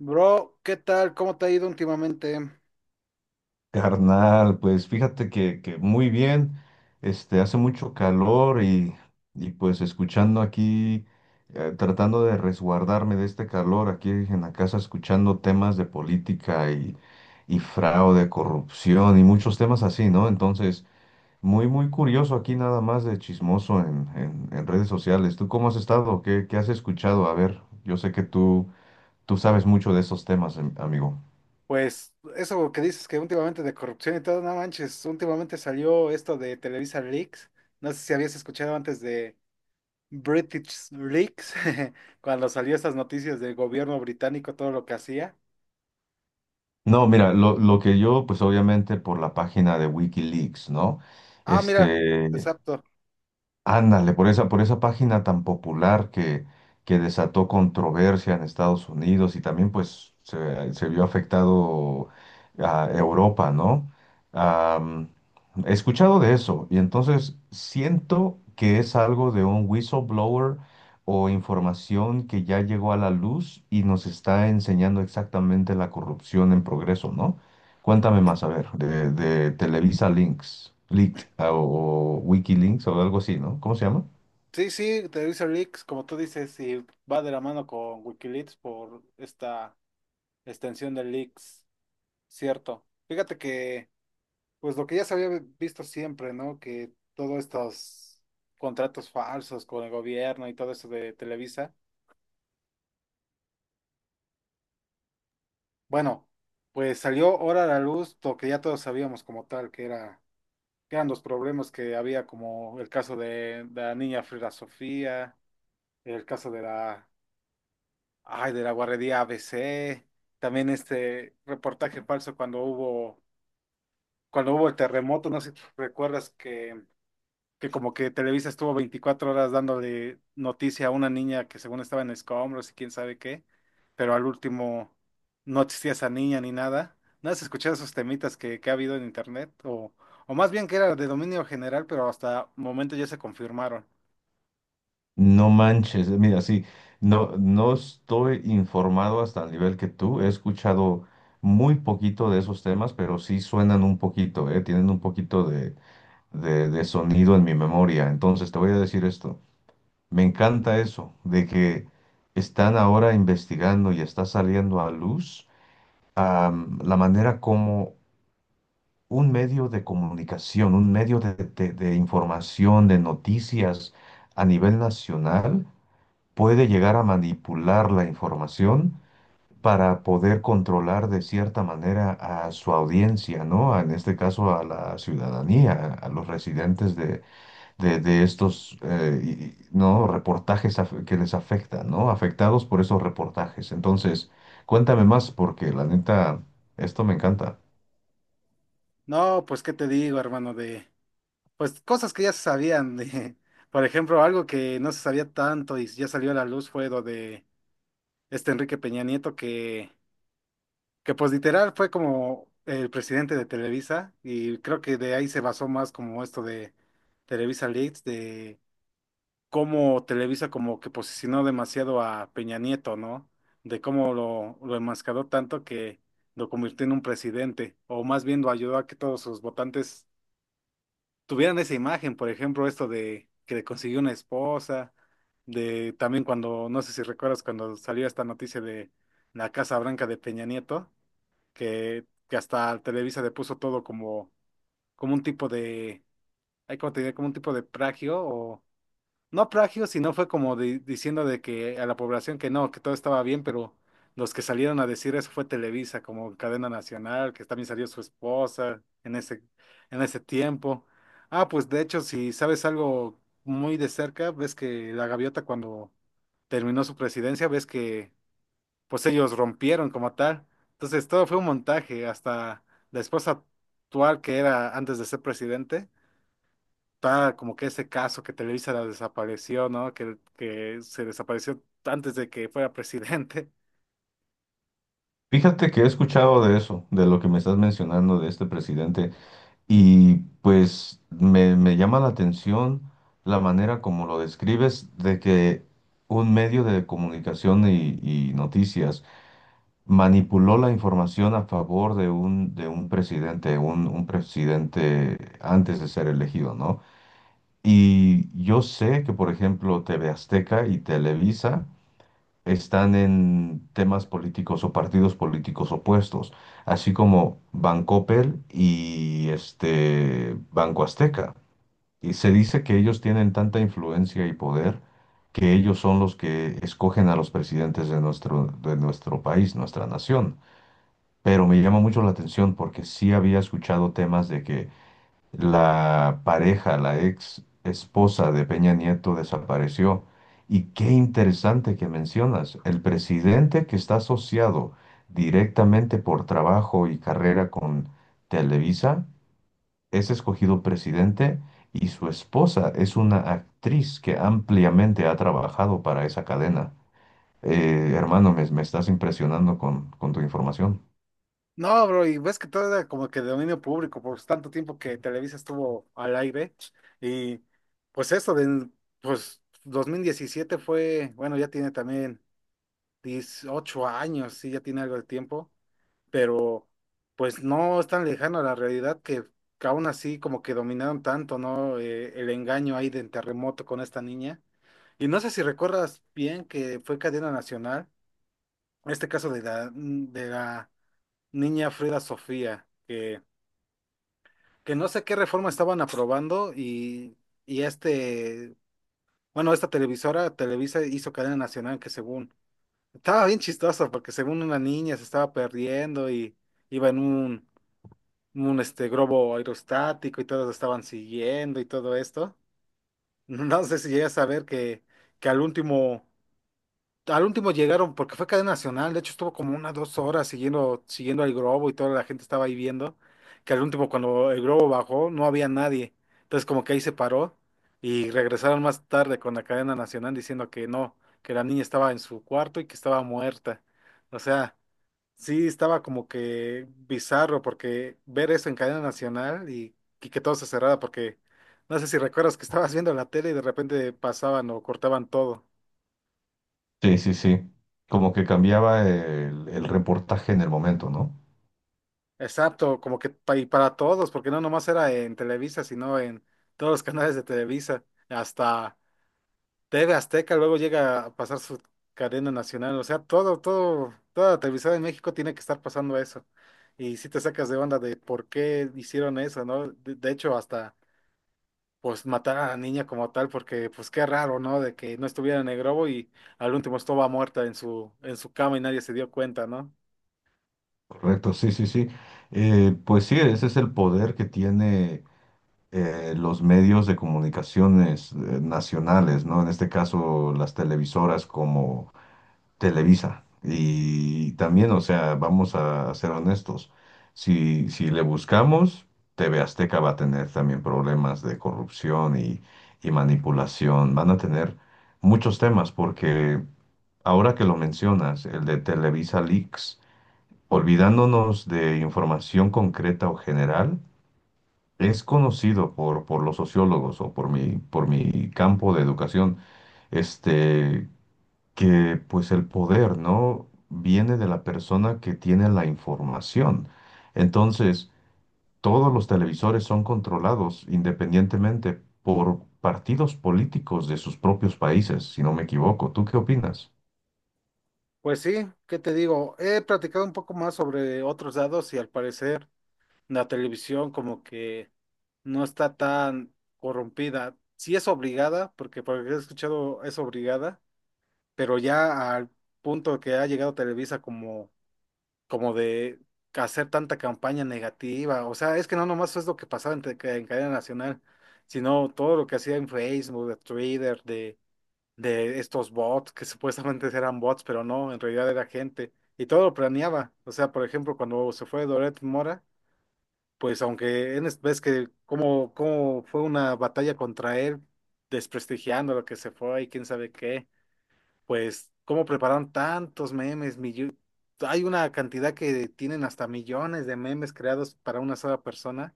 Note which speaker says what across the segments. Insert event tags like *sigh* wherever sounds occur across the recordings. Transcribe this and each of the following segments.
Speaker 1: Bro, ¿qué tal? ¿Cómo te ha ido últimamente?
Speaker 2: Carnal, pues fíjate que muy bien, hace mucho calor y pues escuchando aquí, tratando de resguardarme de este calor aquí en la casa, escuchando temas de política y fraude, corrupción y muchos temas así, ¿no? Entonces, muy curioso aquí nada más de chismoso en redes sociales. ¿Tú cómo has estado? ¿Qué has escuchado? A ver, yo sé que tú sabes mucho de esos temas, amigo.
Speaker 1: Pues eso que dices que últimamente de corrupción y todo, no manches, últimamente salió esto de Televisa Leaks. No sé si habías escuchado antes de British Leaks, *laughs* cuando salió esas noticias del gobierno británico, todo lo que hacía.
Speaker 2: No, mira, lo que yo, pues obviamente por la página de Wikileaks, ¿no?
Speaker 1: Ah, mira,
Speaker 2: Este,
Speaker 1: exacto.
Speaker 2: ándale, por esa página tan popular que desató controversia en Estados Unidos y también pues se vio afectado a Europa, ¿no? Am, he escuchado de eso y entonces siento que es algo de un whistleblower o información que ya llegó a la luz y nos está enseñando exactamente la corrupción en progreso, ¿no? Cuéntame más, a ver, de Televisa Links, Leaked o Wikilinks o algo así, ¿no? ¿Cómo se llama?
Speaker 1: Sí, sí, Televisa Leaks, como tú dices, y va de la mano con Wikileaks por esta extensión de Leaks, cierto. Fíjate que pues lo que ya se había visto siempre, ¿no? Que todos estos contratos falsos con el gobierno y todo eso de Televisa, bueno, pues salió ahora a la luz lo que ya todos sabíamos como tal, que eran los problemas que había, como el caso de la niña Frida Sofía, el caso de la, ay, de la guardería ABC, también este reportaje falso cuando hubo el terremoto, no sé si recuerdas que como que Televisa estuvo 24 horas dándole noticia a una niña que según estaba en escombros y quién sabe qué, pero al último no existía esa niña ni nada. ¿No has escuchado esos temitas que ha habido en internet? O más bien que era de dominio general, pero hasta momento ya se confirmaron.
Speaker 2: No manches, mira, sí, no estoy informado hasta el nivel que tú. He escuchado muy poquito de esos temas, pero sí suenan un poquito, ¿eh? Tienen un poquito de sonido en mi memoria. Entonces, te voy a decir esto. Me encanta eso, de que están ahora investigando y está saliendo a luz, la manera como un medio de comunicación, un medio de información, de noticias a nivel nacional, puede llegar a manipular la información para poder controlar de cierta manera a su audiencia, ¿no? En este caso a la ciudadanía, a los residentes de estos, y, ¿no? Que les afectan, ¿no? Afectados por esos reportajes. Entonces, cuéntame más porque la neta, esto me encanta.
Speaker 1: No, pues qué te digo, hermano, de pues cosas que ya se sabían de, *laughs* por ejemplo, algo que no se sabía tanto y ya salió a la luz fue lo de este Enrique Peña Nieto que pues literal fue como el presidente de Televisa, y creo que de ahí se basó más como esto de Televisa Leaks, de cómo Televisa como que posicionó demasiado a Peña Nieto, ¿no? De cómo lo enmascaró tanto que lo convirtió en un presidente, o más bien lo ayudó a que todos sus votantes tuvieran esa imagen, por ejemplo, esto de que le consiguió una esposa, de también cuando, no sé si recuerdas cuando salió esta noticia de la Casa Blanca de Peña Nieto que hasta Televisa le puso todo como, como un tipo de, ay, ¿cómo te diré? Como un tipo de plagio, o no plagio, sino fue como diciendo de que a la población que no, que todo estaba bien, pero los que salieron a decir eso fue Televisa, como cadena nacional, que también salió su esposa en en ese tiempo. Ah, pues de hecho, si sabes algo muy de cerca, ves que la gaviota cuando terminó su presidencia, ves que pues ellos rompieron como tal. Entonces todo fue un montaje, hasta la esposa actual, que era antes de ser presidente, está como que ese caso que Televisa la desapareció, ¿no? Que se desapareció antes de que fuera presidente. *laughs*
Speaker 2: Fíjate que he escuchado de eso, de lo que me estás mencionando de este presidente, y pues me llama la atención la manera como lo describes de que un medio de comunicación y noticias manipuló la información a favor de de un presidente, un presidente antes de ser elegido, ¿no? Y yo sé que, por ejemplo, TV Azteca y Televisa están en temas políticos o partidos políticos opuestos, así como Bancoppel y este Banco Azteca. Y se dice que ellos tienen tanta influencia y poder que ellos son los que escogen a los presidentes de de nuestro país, nuestra nación. Pero me llama mucho la atención porque sí había escuchado temas de que la pareja, la ex esposa de Peña Nieto desapareció. Y qué interesante que mencionas, el presidente que está asociado directamente por trabajo y carrera con Televisa es escogido presidente y su esposa es una actriz que ampliamente ha trabajado para esa cadena. Hermano, me estás impresionando con tu información.
Speaker 1: No, bro, y ves que todo era como que de dominio público por tanto tiempo que Televisa estuvo al aire. Y pues eso, de, pues 2017 fue, bueno, ya tiene también 18 años, sí, ya tiene algo de tiempo, pero pues no es tan lejano a la realidad que aún así como que dominaron tanto, ¿no? El engaño ahí del terremoto con esta niña. Y no sé si recuerdas bien que fue cadena nacional, este caso de la, de la niña Frida Sofía, que no sé qué reforma estaban aprobando y este, bueno, esta televisora, Televisa hizo cadena nacional que según, estaba bien chistoso porque según una niña se estaba perdiendo y iba en un este globo aerostático, y todos estaban siguiendo y todo esto. *laughs* No sé si llegas a ver que al último llegaron, porque fue cadena nacional, de hecho estuvo como unas 2 horas siguiendo al globo y toda la gente estaba ahí viendo, que al último cuando el globo bajó no había nadie. Entonces como que ahí se paró y regresaron más tarde con la cadena nacional diciendo que no, que la niña estaba en su cuarto y que estaba muerta. O sea, sí, estaba como que bizarro porque ver eso en cadena nacional, y que todo se cerrara porque no sé si recuerdas que estabas viendo la tele y de repente pasaban o cortaban todo.
Speaker 2: Sí, sí, sí. Como que cambiaba el reportaje en el momento, ¿no?
Speaker 1: Exacto, como que y para todos, porque no nomás era en Televisa, sino en todos los *laughs* canales de Televisa, hasta TV Azteca luego llega a pasar su cadena nacional. O sea, todo, todo, toda la televisión en México tiene que estar pasando eso. Y si te sacas de onda de por qué hicieron eso, ¿no? De hecho, hasta pues matar a la niña como tal, porque pues qué raro, ¿no? De que no estuviera en el grobo y al último estaba muerta en en su cama y nadie se dio cuenta, ¿no?
Speaker 2: Correcto, sí, sí, sí. Pues sí, ese es el poder que tiene los medios de comunicaciones nacionales, ¿no? En este caso, las televisoras como Televisa. Y también, o sea, vamos a, ser honestos, si le buscamos, TV Azteca va a tener también problemas de corrupción y manipulación. Van a tener muchos temas porque ahora que lo mencionas, el de Televisa Leaks. Olvidándonos de información concreta o general, es conocido por los sociólogos o por mi campo de educación, este, que pues el poder, ¿no? viene de la persona que tiene la información. Entonces, todos los televisores son controlados independientemente por partidos políticos de sus propios países, si no me equivoco. ¿Tú qué opinas?
Speaker 1: Pues sí, ¿qué te digo? He platicado un poco más sobre otros dados y al parecer la televisión como que no está tan corrompida. Sí es obligada, porque por lo que he escuchado es obligada, pero ya al punto que ha llegado Televisa como como de hacer tanta campaña negativa. O sea, es que no nomás es lo que pasaba en, en cadena nacional, sino todo lo que hacía en Facebook, de Twitter, de estos bots, que *laughs* supuestamente eran bots, pero no, en realidad era gente. Y todo lo planeaba. O sea, por ejemplo, cuando se fue Doret Mora, pues aunque en, ves que cómo fue una batalla contra él, desprestigiando lo que se fue y quién sabe qué pues, cómo prepararon tantos memes, hay una cantidad que tienen hasta millones de memes creados para una sola persona,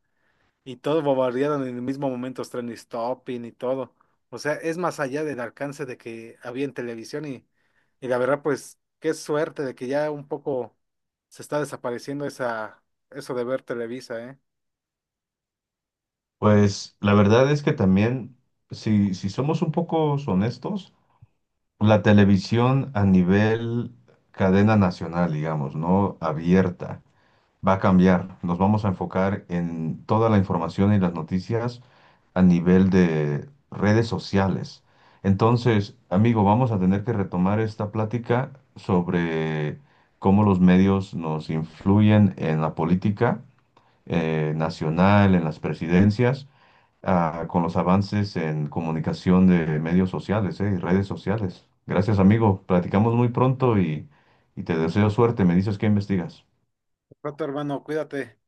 Speaker 1: y todos bombardearon en el mismo momento, los trending topping y todo. O sea, es más allá del alcance de que había en televisión, y la verdad, pues, qué suerte de que ya un poco se está desapareciendo esa, eso de ver Televisa, ¿eh?
Speaker 2: Pues la verdad es que también, si somos un poco honestos, la televisión a nivel cadena nacional, digamos, ¿no? Abierta, va a cambiar. Nos vamos a enfocar en toda la información y las noticias a nivel de redes sociales. Entonces, amigo, vamos a tener que retomar esta plática sobre cómo los medios nos influyen en la política nacional, en las presidencias ah, con los avances en comunicación de medios sociales, y redes sociales. Gracias, amigo. Platicamos muy pronto y te deseo suerte. Me dices qué investigas.
Speaker 1: Pronto, hermano, cuídate.